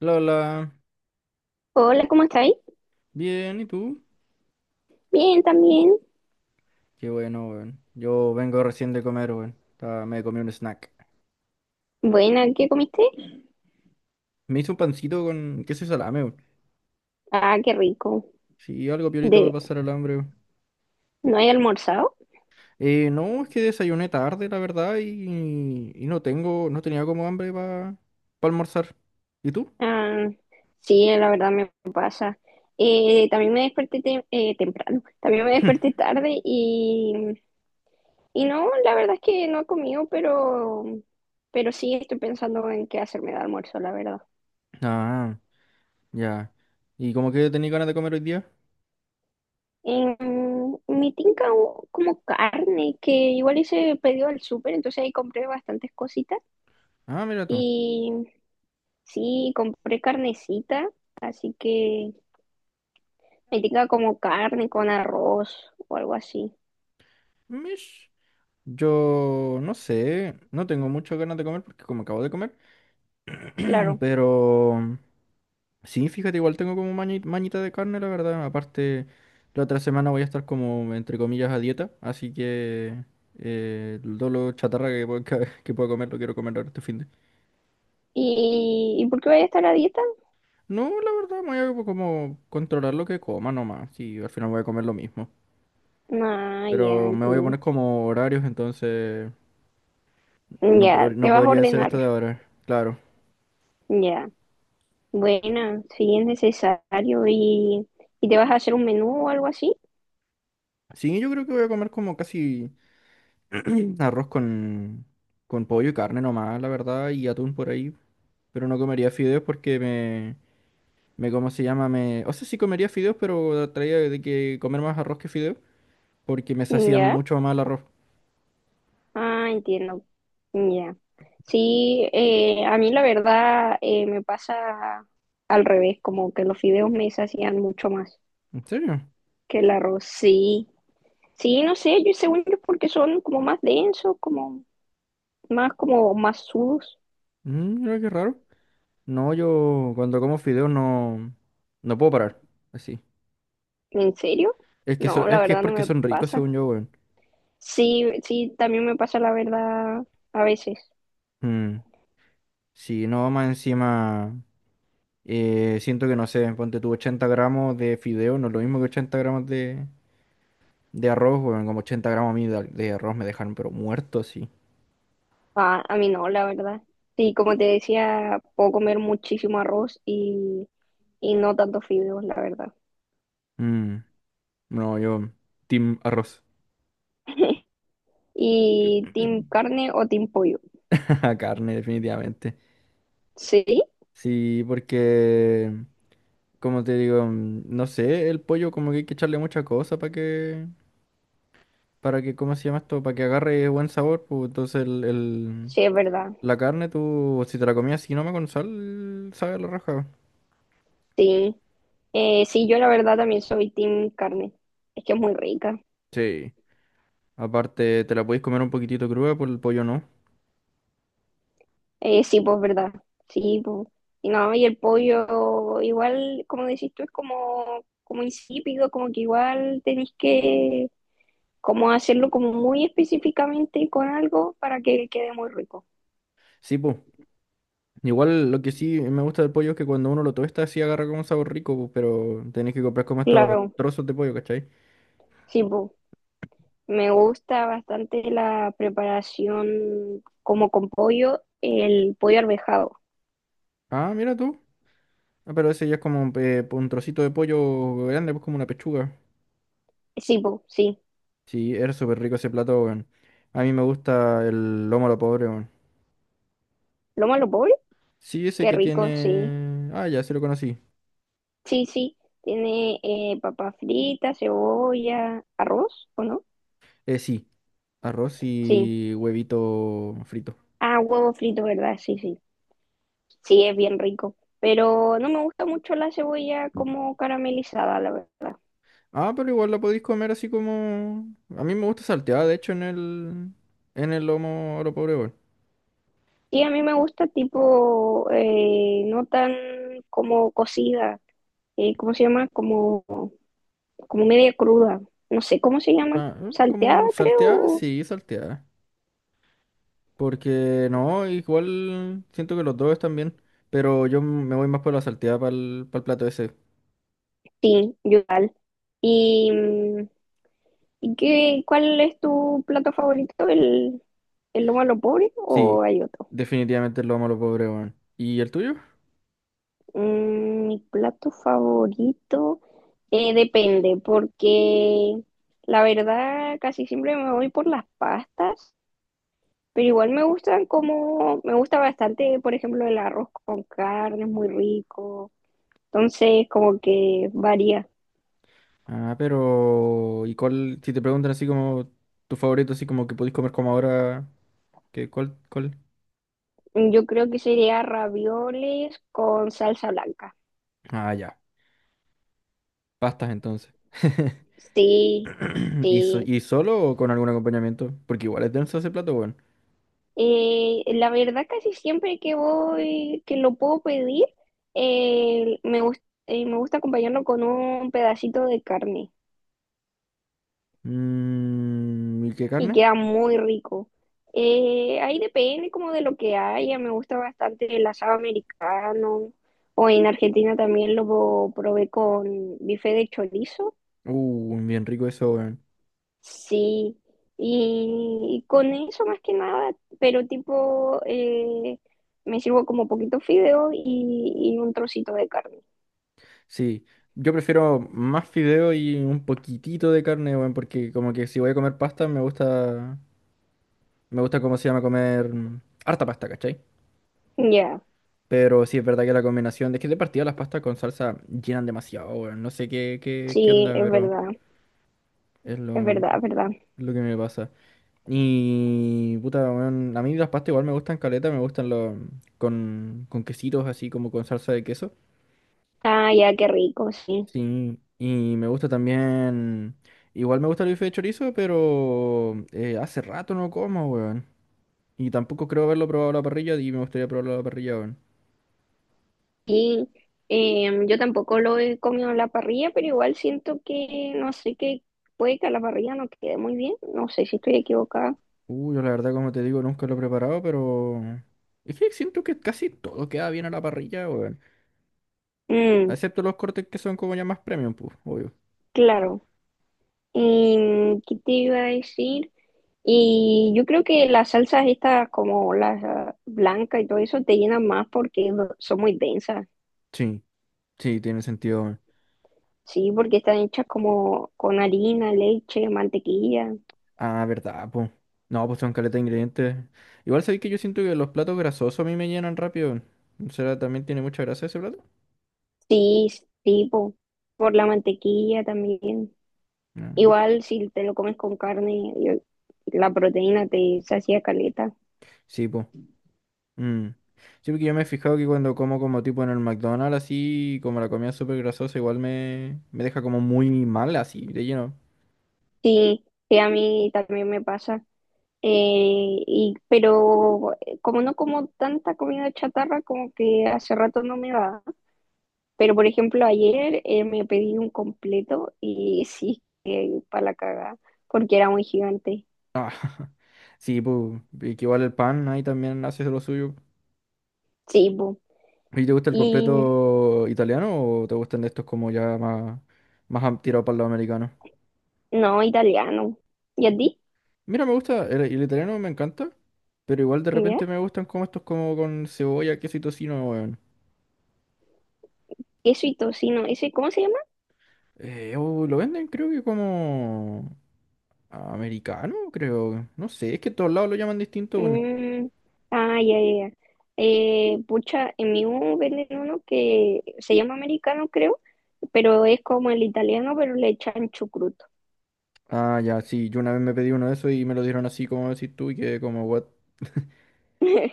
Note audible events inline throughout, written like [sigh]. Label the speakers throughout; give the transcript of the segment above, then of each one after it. Speaker 1: Lola,
Speaker 2: Hola, ¿cómo estáis?
Speaker 1: bien, ¿y tú?
Speaker 2: Bien, también.
Speaker 1: Qué bueno, weón. Yo vengo recién de comer, weón. Me comí un snack.
Speaker 2: Buena, ¿qué comiste?
Speaker 1: Me hice un pancito con queso y salame, weón.
Speaker 2: Ah, qué rico.
Speaker 1: Sí, algo piolita para
Speaker 2: De,
Speaker 1: pasar el hambre, weón.
Speaker 2: ¿no hay almorzado?
Speaker 1: No, es que desayuné tarde, la verdad, y no tengo, no tenía como hambre para almorzar. ¿Y tú?
Speaker 2: Ah, sí, la verdad me pasa. También me desperté temprano, también me
Speaker 1: [laughs] [clears throat]
Speaker 2: desperté tarde y no, la verdad es que no he comido, pero sí estoy pensando en qué hacerme de almuerzo, la verdad.
Speaker 1: Ah, ya. ¿Y como que tenía ganas de comer hoy día?
Speaker 2: En mi tinca hubo como carne, que igual hice pedido al súper, entonces ahí compré bastantes cositas.
Speaker 1: Ah, mira tú.
Speaker 2: Sí, compré carnecita, así que ahí tenga como carne con arroz o algo así,
Speaker 1: Mish. Yo no sé, no tengo muchas ganas de comer porque como acabo de comer, [clears throat]
Speaker 2: claro.
Speaker 1: pero... Sí, fíjate, igual tengo como mañita de carne, la verdad. Aparte, la otra semana voy a estar como, entre comillas, a dieta, así que todo lo chatarra que, [laughs] que pueda comer lo quiero comer ahora este fin de...
Speaker 2: ¿Y por qué voy a estar a dieta?
Speaker 1: No, la verdad, me voy a como controlar lo que coma nomás, y al final voy a comer lo mismo.
Speaker 2: Ah, ya,
Speaker 1: Pero me voy a
Speaker 2: entiendo.
Speaker 1: poner como horarios, entonces no,
Speaker 2: Ya,
Speaker 1: no
Speaker 2: te vas a
Speaker 1: podría ser
Speaker 2: ordenar,
Speaker 1: esto de ahora, claro.
Speaker 2: ya. Buena, si es necesario y te vas a hacer un menú o algo así,
Speaker 1: Sí, yo creo que voy a comer como casi [clears throat] arroz con pollo y carne nomás, la verdad, y atún por ahí. Pero no comería fideos porque me, ¿cómo se llama? Me, o sea, sí comería fideos, pero traía de que comer más arroz que fideos porque me sacían
Speaker 2: ya.
Speaker 1: mucho más el arroz.
Speaker 2: Ah, entiendo, ya. Sí, a mí la verdad me pasa al revés, como que los fideos me sacian mucho más
Speaker 1: ¿En serio?
Speaker 2: que el arroz, sí. Sí, no sé, yo según yo porque son como más densos, como más sudos.
Speaker 1: Mm, mira qué raro. No, yo cuando como fideos no, no puedo parar. Así.
Speaker 2: ¿En serio?
Speaker 1: Es que,
Speaker 2: No, la
Speaker 1: es que es
Speaker 2: verdad no
Speaker 1: porque
Speaker 2: me
Speaker 1: son ricos,
Speaker 2: pasa.
Speaker 1: según yo, weón.
Speaker 2: Sí, sí, también me pasa la verdad a veces.
Speaker 1: Mm, sí, no, más encima. Siento que no sé, ponte tú 80 gramos de fideo, no es lo mismo que 80 gramos de arroz, weón. Como 80 gramos a mí de arroz me dejaron, pero muerto, sí.
Speaker 2: Ah, a mí no, la verdad. Sí, como te decía, puedo comer muchísimo arroz y no tantos fideos, la verdad.
Speaker 1: No, yo, team arroz,
Speaker 2: [laughs] ¿Y team carne o team pollo?
Speaker 1: [laughs] carne, definitivamente.
Speaker 2: Sí,
Speaker 1: Sí, porque, como te digo, mm, no sé, el pollo como que hay que echarle mucha cosa para que, ¿cómo se llama esto? Para que agarre buen sabor, pues entonces
Speaker 2: sí, es verdad.
Speaker 1: la carne tú, si te la comías así nomás con sal, sabe a la raja.
Speaker 2: Sí, sí, yo la verdad también soy team carne. Es que es muy rica.
Speaker 1: Sí, aparte te la podéis comer un poquitito cruda, por el pollo no.
Speaker 2: Sí, pues verdad. Sí, pues. Y no, y el pollo, igual, como decís tú, es como, como insípido, como que igual tenés que como hacerlo como muy específicamente con algo para que quede muy rico.
Speaker 1: Sí, pues, igual lo que sí me gusta del pollo es que cuando uno lo tuesta sí agarra como un sabor rico, pues, pero tenés que comprar como estos
Speaker 2: Claro,
Speaker 1: trozos de pollo, ¿cachai?
Speaker 2: sí, pues. Me gusta bastante la preparación como con pollo, el pollo arvejado.
Speaker 1: Ah, mira tú. Ah, pero ese ya es como un trocito de pollo grande, pues como una pechuga.
Speaker 2: Sí, pues, sí.
Speaker 1: Sí, era súper rico ese plato, weón. A mí me gusta el lomo a lo pobre, weón.
Speaker 2: ¿Loma lo pobre?
Speaker 1: Sí, ese
Speaker 2: Qué
Speaker 1: que
Speaker 2: rico, sí.
Speaker 1: tiene... Ah, ya, se lo conocí.
Speaker 2: Sí, sí. Tiene papa frita, cebolla, arroz, ¿o no?
Speaker 1: Sí, arroz
Speaker 2: Sí.
Speaker 1: y huevito frito.
Speaker 2: Ah, huevo frito, ¿verdad? Sí, sí. Sí, es bien rico. Pero no me gusta mucho la cebolla como caramelizada, la verdad.
Speaker 1: Ah, pero igual la podéis comer así como... A mí me gusta salteada, de hecho, en el... En el lomo a lo pobre, weón.
Speaker 2: Sí, a mí me gusta tipo, no tan como cocida, ¿cómo se llama? Como, como media cruda. No sé cómo se llama,
Speaker 1: Ah, ¿eh?
Speaker 2: salteada,
Speaker 1: Como salteada,
Speaker 2: creo.
Speaker 1: sí, salteada. Porque no, igual siento que los dos están bien, pero yo me voy más por la salteada para el, plato ese.
Speaker 2: Sí, yo igual. ¿Y, mm, y qué, cuál es tu plato favorito? ¿El, ¿el lomo a lo pobre o
Speaker 1: Sí,
Speaker 2: hay otro?
Speaker 1: definitivamente lo amo a los pobres, weón. ¿Y el tuyo?
Speaker 2: Mm, mi plato favorito depende, porque la verdad casi siempre me voy por las pastas, pero igual me gustan como, me gusta bastante, por ejemplo, el arroz con carne, es muy rico, entonces como que varía.
Speaker 1: Ah, pero ¿y cuál? Si te preguntan así como tu favorito, así como que podéis comer como ahora, ¿qué, cuál, cuál?
Speaker 2: Yo creo que sería ravioles con salsa blanca.
Speaker 1: Ah, ya. Pastas entonces.
Speaker 2: Sí,
Speaker 1: [laughs] ¿Y,
Speaker 2: sí.
Speaker 1: y solo o con algún acompañamiento? Porque igual es denso ese plato, weón.
Speaker 2: La verdad, casi siempre que voy, que lo puedo pedir, eh, me gus- me gusta acompañarlo con un pedacito de carne
Speaker 1: Mm, ¿y qué
Speaker 2: y
Speaker 1: carne?
Speaker 2: queda muy rico. Ahí depende como de lo que haya, me gusta bastante el asado americano o en Argentina también lo probé con bife de chorizo.
Speaker 1: Bien rico eso, weón.
Speaker 2: Sí, y con eso más que nada, pero tipo, me sirvo como poquito fideo y un trocito de carne.
Speaker 1: Sí, yo prefiero más fideo y un poquitito de carne, weón, porque como que si voy a comer pasta, me gusta cómo se llama comer mm, harta pasta, ¿cachai?
Speaker 2: Ya,
Speaker 1: Pero sí es verdad que la combinación, es que de partida las pastas con salsa llenan demasiado, weón, no sé qué, qué, qué onda,
Speaker 2: sí, es
Speaker 1: pero
Speaker 2: verdad,
Speaker 1: es
Speaker 2: es
Speaker 1: lo, es
Speaker 2: verdad, es verdad.
Speaker 1: lo que me pasa. Y puta, weón, a mí las pastas igual me gustan caleta, me gustan los, con quesitos así como con salsa de queso.
Speaker 2: Ah, ya, qué rico, sí.
Speaker 1: Sí, y me gusta también. Igual me gusta el bife de chorizo, pero hace rato no como, weón. Y tampoco creo haberlo probado a la parrilla y me gustaría probarlo a la parrilla, weón.
Speaker 2: Y yo tampoco lo he comido en la parrilla, pero igual siento que, no sé, que puede que a la parrilla no quede muy bien, no sé si estoy equivocada.
Speaker 1: Uy, yo la verdad, como te digo, nunca lo he preparado, pero. Es que siento que casi todo queda bien a la parrilla, weón.
Speaker 2: Mm,
Speaker 1: Excepto los cortes que son como ya más premium, pues, obvio.
Speaker 2: claro. ¿Qué te iba a decir? Y yo creo que las salsas estas, como las ah, blancas y todo eso, te llenan más porque son muy densas.
Speaker 1: Sí, sí, tiene sentido, weón.
Speaker 2: Sí, porque están hechas como con harina, leche, mantequilla.
Speaker 1: Ah, verdad, pues. No, pues son caleta de ingredientes. Igual sabéis que yo siento que los platos grasosos a mí me llenan rápido. Weón. ¿Será también tiene mucha grasa ese plato?
Speaker 2: Sí, tipo, por la mantequilla también.
Speaker 1: Ah.
Speaker 2: Igual si te lo comes con carne, la proteína te sacia caleta.
Speaker 1: Sí, pues. Sí, porque yo me he fijado que cuando como como tipo en el McDonald's así, como la comida es súper grasosa, igual me, me deja como muy mal así, de lleno.
Speaker 2: Sí, sí, a mí también me pasa. Como no como tanta comida chatarra, como que hace rato no me va. Pero por ejemplo, ayer me pedí un completo y sí, para la cagada, porque era muy gigante.
Speaker 1: Ah, sí, pues. Y que igual el pan ahí también hace lo suyo.
Speaker 2: Sí, po.
Speaker 1: ¿Y te gusta el
Speaker 2: Y
Speaker 1: completo italiano o te gustan de estos como ya más, más tirado para el lado americano?
Speaker 2: no, italiano. ¿Y a ti?
Speaker 1: Mira, me gusta, el italiano me encanta, pero igual de repente
Speaker 2: ¿Ya?
Speaker 1: me gustan como estos como con cebolla, queso y tocino, weón.
Speaker 2: Queso y tocino. ¿Ese cómo se llama?
Speaker 1: Oh, lo venden creo que como... Americano, creo. No sé, es que en todos lados lo llaman distinto, bueno.
Speaker 2: Mm, ah, ya, ya, ya. Pucha, en mi U venden uno que se llama americano, creo, pero es como el italiano, pero le echan chucrut.
Speaker 1: Ah, ya, sí, yo una vez me pedí uno de esos y me lo dieron así como decís tú y que como, what,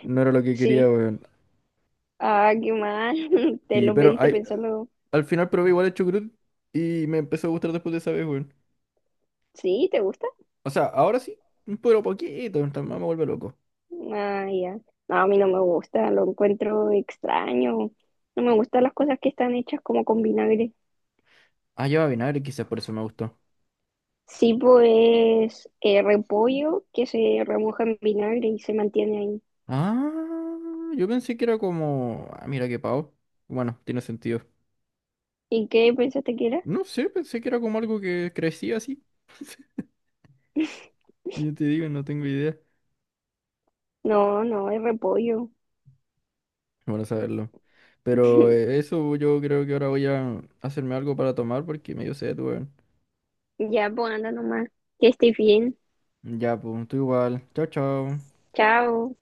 Speaker 1: no era lo que quería,
Speaker 2: Sí.
Speaker 1: weón.
Speaker 2: Ah, qué mal. [laughs] Te
Speaker 1: Sí,
Speaker 2: lo
Speaker 1: pero
Speaker 2: pediste
Speaker 1: ay,
Speaker 2: pensando,
Speaker 1: al final probé igual el chucrut y me empezó a gustar después de esa vez, weón.
Speaker 2: sí, ¿te gusta?
Speaker 1: O sea, ahora sí, pero poquito, entonces me vuelve loco.
Speaker 2: Ah, ya. No, a mí no me gusta, lo encuentro extraño. No me gustan las cosas que están hechas como con vinagre.
Speaker 1: Ah, lleva vinagre, quizás por eso me gustó.
Speaker 2: Sí, pues repollo que se remoja en vinagre y se mantiene ahí.
Speaker 1: Ah, yo pensé que era como, ah, mira qué pavo. Bueno, tiene sentido.
Speaker 2: ¿Y qué pensaste que era?
Speaker 1: No sé, pensé que era como algo que crecía así.
Speaker 2: [laughs]
Speaker 1: Yo te digo, no tengo idea.
Speaker 2: No, no, es repollo.
Speaker 1: Bueno saberlo. Pero
Speaker 2: [laughs]
Speaker 1: eso yo creo que ahora voy a hacerme algo para tomar porque medio sed, weón.
Speaker 2: Ya, pues anda nomás. Que estés bien.
Speaker 1: Ya, pues, tú igual. Chao, chao.
Speaker 2: Chao.